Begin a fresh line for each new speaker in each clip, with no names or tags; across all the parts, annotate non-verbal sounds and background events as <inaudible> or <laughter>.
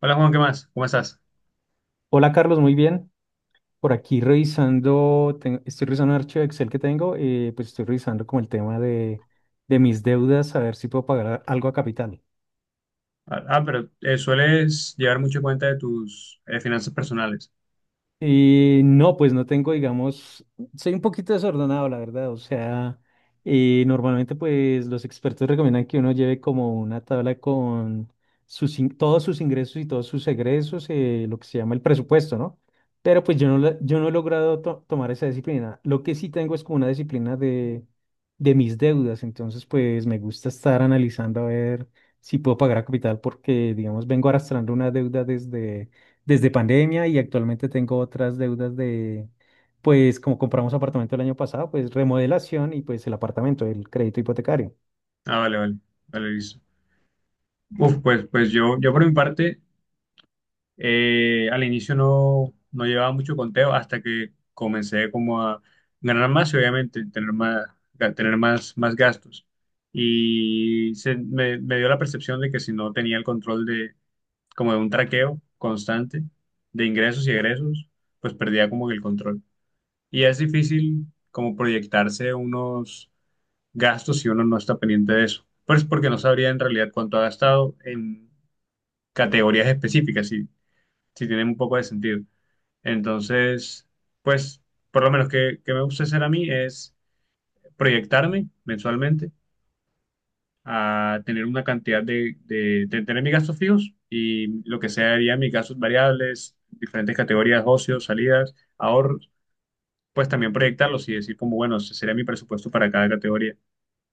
Hola Juan, ¿qué más? ¿Cómo estás?
Hola Carlos, muy bien. Por aquí revisando, estoy revisando un archivo de Excel que tengo. Pues estoy revisando como el tema de mis deudas, a ver si puedo pagar algo a capital.
Ah, ah, pero sueles llevar mucho cuenta de tus finanzas personales.
Y no, pues no tengo, digamos, soy un poquito desordenado, la verdad. O sea, normalmente pues los expertos recomiendan que uno lleve como una tabla con todos sus ingresos y todos sus egresos, lo que se llama el presupuesto, ¿no? Pero pues yo no, yo no he logrado tomar esa disciplina. Lo que sí tengo es como una disciplina de mis deudas. Entonces pues me gusta estar analizando a ver si puedo pagar a capital porque, digamos, vengo arrastrando una deuda desde pandemia y actualmente tengo otras deudas de, pues como compramos apartamento el año pasado, pues remodelación y pues el apartamento, el crédito hipotecario.
Ah, vale, vale, vale, listo. Uf, pues, pues yo por mi parte, al inicio no, no llevaba mucho conteo hasta que comencé como a ganar más y obviamente tener más, tener más, más gastos. Y se, me dio la percepción de que si no tenía el control de, como de un traqueo constante de ingresos y egresos, pues perdía como que el control. Y es difícil como proyectarse unos gastos si uno no está pendiente de eso. Pues porque no sabría en realidad cuánto ha gastado en categorías específicas, si, si tienen un poco de sentido. Entonces, pues por lo menos que me gusta hacer a mí es proyectarme mensualmente a tener una cantidad de tener mis gastos fijos y lo que serían mis gastos variables, diferentes categorías, ocios, salidas, ahorros, pues también proyectarlos y decir como, bueno, ese sería mi presupuesto para cada categoría.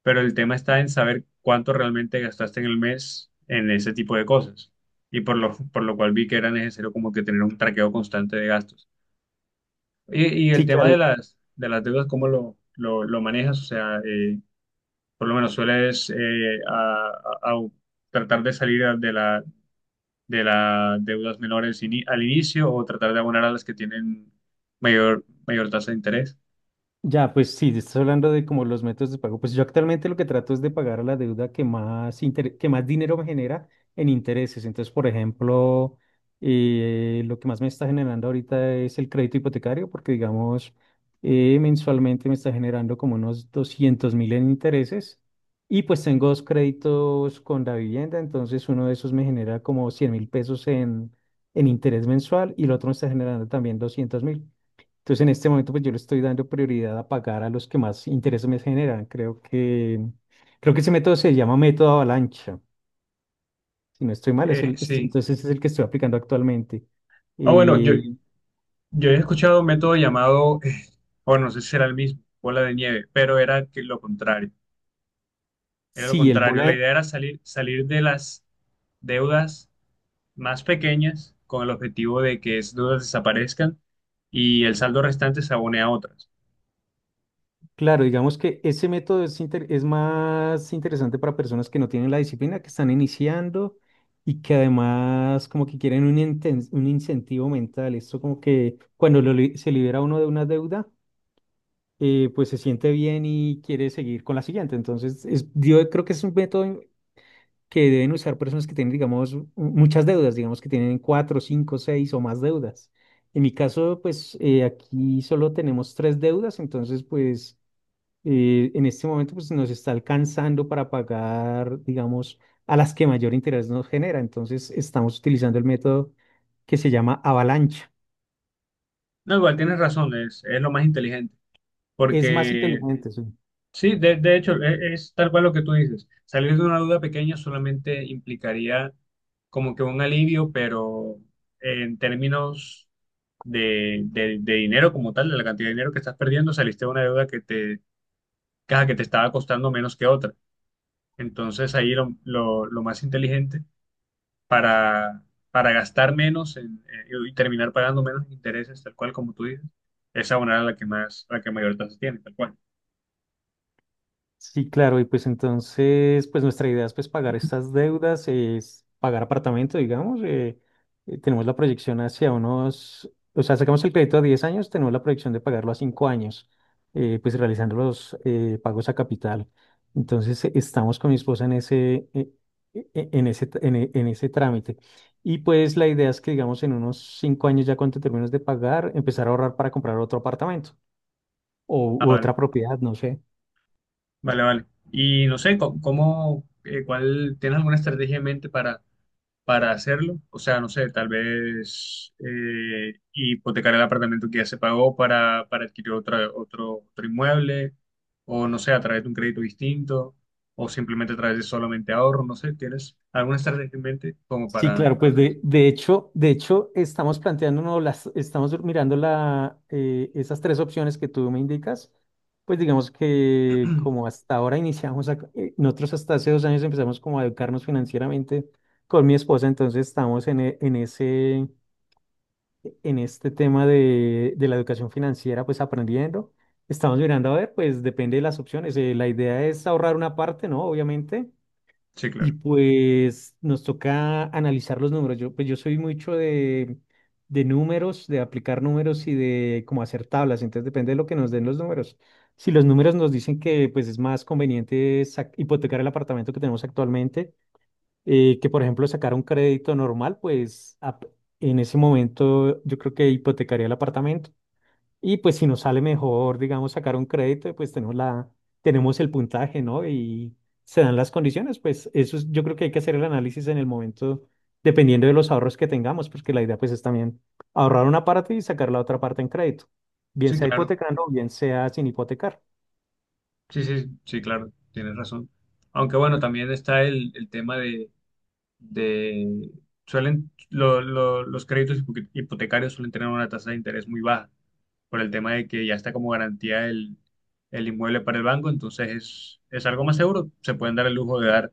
Pero el tema está en saber cuánto realmente gastaste en el mes en ese tipo de cosas. Y por lo cual vi que era necesario como que tener un traqueo constante de gastos. Y el
Sí,
tema
claro.
de las deudas, ¿cómo lo manejas? O sea, por lo menos sueles a tratar de salir de la, de las deudas menores al inicio o tratar de abonar a las que tienen mayor, mayor tasa de interés.
Ya, pues sí, estás hablando de como los métodos de pago. Pues yo actualmente lo que trato es de pagar la deuda que más dinero me genera en intereses. Entonces, por ejemplo, lo que más me está generando ahorita es el crédito hipotecario, porque digamos, mensualmente me está generando como unos 200.000 en intereses. Y pues tengo dos créditos con la vivienda, entonces uno de esos me genera como 100.000 pesos en interés mensual y el otro me está generando también 200.000. Entonces, en este momento, pues yo le estoy dando prioridad a pagar a los que más intereses me generan. Creo que ese método se llama método avalancha. Si no estoy mal, es
Sí.
entonces es el que estoy aplicando actualmente.
Ah, bueno, yo,
Eh,
Yo he escuchado un método llamado, bueno, no sé si era el mismo, bola de nieve, pero era que lo contrario. Era lo
sí,
contrario. La idea era salir, salir de las deudas más pequeñas con el objetivo de que esas deudas desaparezcan y el saldo restante se abone a otras.
claro, digamos que ese método es, es más interesante para personas que no tienen la disciplina, que están iniciando y que además como que quieren un incentivo mental. Esto como que cuando se libera uno de una deuda pues se siente bien y quiere seguir con la siguiente. Entonces, yo creo que es un método que deben usar personas que tienen, digamos, muchas deudas, digamos que tienen cuatro, cinco, seis o más deudas. En mi caso, pues aquí solo tenemos tres deudas, entonces, pues en este momento, pues nos está alcanzando para pagar, digamos, a las que mayor interés nos genera. Entonces, estamos utilizando el método que se llama avalancha.
No, igual tienes razón, es lo más inteligente,
Es más
porque
inteligente, sí.
sí, de hecho, es, tal cual lo que tú dices. Salir de una duda pequeña solamente implicaría como que un alivio, pero en términos de, de dinero como tal, de la cantidad de dinero que estás perdiendo, saliste de una deuda que te, caja que te estaba costando menos que otra. Entonces ahí lo, lo más inteligente para, para gastar menos y terminar pagando menos intereses, tal cual como tú dices, es abonar a la que más, a la que mayor tasa tiene, tal cual.
Sí, claro, y pues entonces, pues nuestra idea es pues pagar estas deudas, es pagar apartamento, digamos, tenemos la proyección o sea, sacamos el crédito a 10 años, tenemos la proyección de pagarlo a 5 años, pues realizando los pagos a capital. Entonces, estamos con mi esposa en ese, e- e- en ese, en ese trámite. Y pues la idea es que, digamos, en unos 5 años ya cuando termines de pagar, empezar a ahorrar para comprar otro apartamento o u otra propiedad, no sé.
Vale, vale. Y no sé, ¿cómo, cuál, tienes alguna estrategia en mente para hacerlo? O sea, no sé, tal vez hipotecar el apartamento que ya se pagó para adquirir otra, otro, otro inmueble, o no sé, a través de un crédito distinto, o simplemente a través de solamente ahorro, no sé, ¿tienes alguna estrategia en mente como
Sí, claro,
para
pues
hacer eso?
de hecho, estamos mirando esas tres opciones que tú me indicas. Pues digamos que como hasta ahora iniciamos, nosotros hasta hace 2 años empezamos como a educarnos financieramente con mi esposa, entonces estamos en, e- en ese, en este tema de, la educación financiera, pues aprendiendo. Estamos mirando, a ver, pues depende de las opciones. La idea es ahorrar una parte, ¿no? Obviamente
Sí,
y
claro.
pues nos toca analizar los números. Yo, pues yo soy mucho de números, de aplicar números y de cómo hacer tablas. Entonces depende de lo que nos den los números. Si los números nos dicen que pues es más conveniente hipotecar el apartamento que tenemos actualmente, que por ejemplo sacar un crédito normal, pues en ese momento yo creo que hipotecaría el apartamento. Y pues si nos sale mejor, digamos, sacar un crédito, pues tenemos el puntaje, ¿no? Y se dan las condiciones, pues yo creo que hay que hacer el análisis en el momento, dependiendo de los ahorros que tengamos, porque la idea pues es también ahorrar una parte y sacar la otra parte en crédito, bien
Sí,
sea
claro.
hipotecando, o bien sea sin hipotecar.
Sí, sí, sí, claro, tienes razón. Aunque bueno, también está el tema de, suelen, los créditos hipotecarios suelen tener una tasa de interés muy baja por el tema de que ya está como garantía el inmueble para el banco, entonces es algo más seguro, se pueden dar el lujo de dar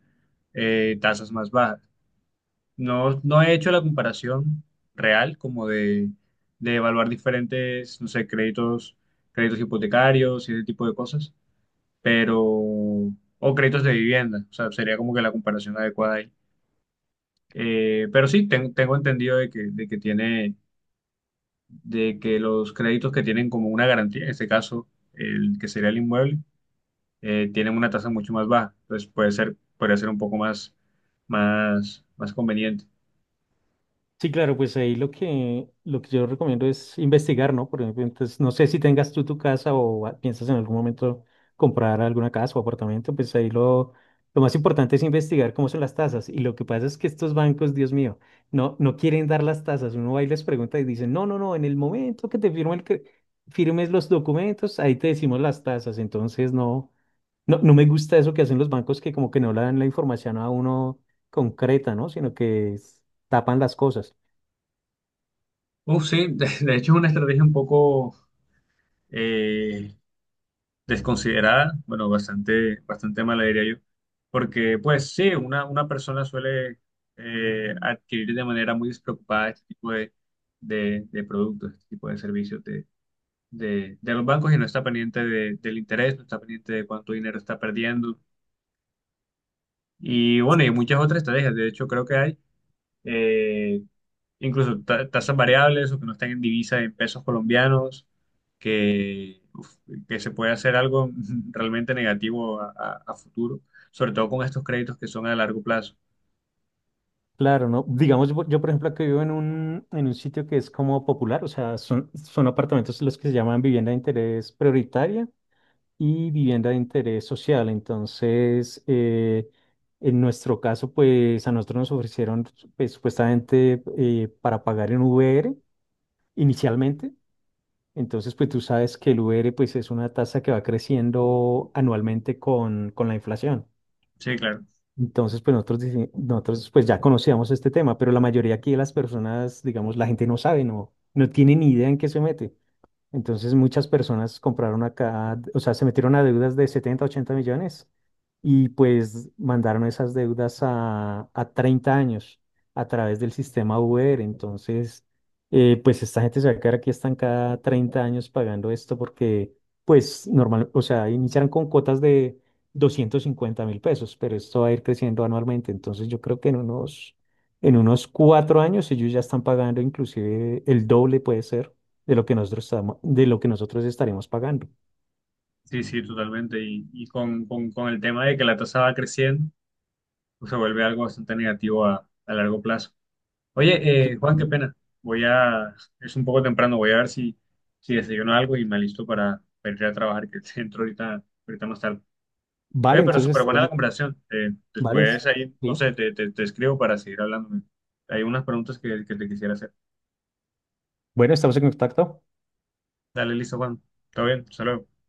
tasas más bajas. No, no he hecho la comparación real como de evaluar diferentes, no sé, créditos, créditos hipotecarios y ese tipo de cosas, pero, o créditos de vivienda, o sea, sería como que la comparación adecuada ahí. Pero sí, tengo entendido de que tiene, de que los créditos que tienen como una garantía, en este caso, el que sería el inmueble, tienen una tasa mucho más baja. Entonces puede ser un poco más, más, más conveniente.
Sí, claro, pues ahí lo que yo recomiendo es investigar, ¿no? Por ejemplo, entonces, no sé si tengas tú tu casa o piensas en algún momento comprar alguna casa o apartamento, pues ahí lo más importante es investigar cómo son las tasas. Y lo que pasa es que estos bancos, Dios mío, no quieren dar las tasas. Uno va y les pregunta y dicen, no, no, no, en el momento que te firmes los documentos, ahí te decimos las tasas. Entonces, no, no me gusta eso que hacen los bancos que como que no le dan la información a uno concreta, ¿no? Sino que tapan las cosas.
Uf, sí, de hecho es una estrategia un poco eh, desconsiderada, bueno, bastante, bastante mala diría yo, porque pues sí, una persona suele adquirir de manera muy despreocupada este tipo de productos, este tipo de servicios de los bancos y no está pendiente del interés, no está pendiente de cuánto dinero está perdiendo. Y bueno, y muchas otras estrategias, de hecho creo que hay eh, incluso tasas variables o que no están en divisa en pesos colombianos, que, uf, que se puede hacer algo <laughs> realmente negativo a, a futuro, sobre todo con estos créditos que son a largo plazo.
Claro, ¿no? Digamos, yo, por ejemplo, que vivo en un sitio que es como popular, o sea, son apartamentos los que se llaman vivienda de interés prioritaria y vivienda de interés social. Entonces, en nuestro caso, pues a nosotros nos ofrecieron pues, supuestamente para pagar en VR inicialmente. Entonces, pues tú sabes que el VR pues es una tasa que va creciendo anualmente con, la inflación.
Sí, claro.
Entonces, pues nosotros pues ya conocíamos este tema, pero la mayoría aquí de las personas, digamos, la gente no sabe, no tiene ni idea en qué se mete. Entonces muchas personas compraron acá, o sea, se metieron a deudas de 70, 80 millones y pues mandaron esas deudas a 30 años a través del sistema Uber. Entonces, pues esta gente se va a quedar aquí estancada 30 años pagando esto porque, pues normal, o sea, iniciaron con cuotas de 250.000 pesos, pero esto va a ir creciendo anualmente. Entonces yo creo que en unos 4 años ellos ya están pagando inclusive el doble, puede ser de lo que nosotros de lo que nosotros estaremos pagando.
Sí, sí, totalmente. Y con el tema de que la tasa va creciendo, pues se vuelve algo bastante negativo a largo plazo. Oye, Juan, qué pena. Voy a, es un poco temprano, voy a ver si, si desayuno algo y me alisto para ir a trabajar, que <laughs> entro ahorita, ahorita más tarde.
Vale,
Oye, pero
entonces
súper buena la conversación.
vale, sí.
Después ahí, no sé, te escribo para seguir hablando. Hay unas preguntas que te quisiera hacer.
Bueno, estamos en contacto.
Dale, listo, Juan. Todo bien, saludos.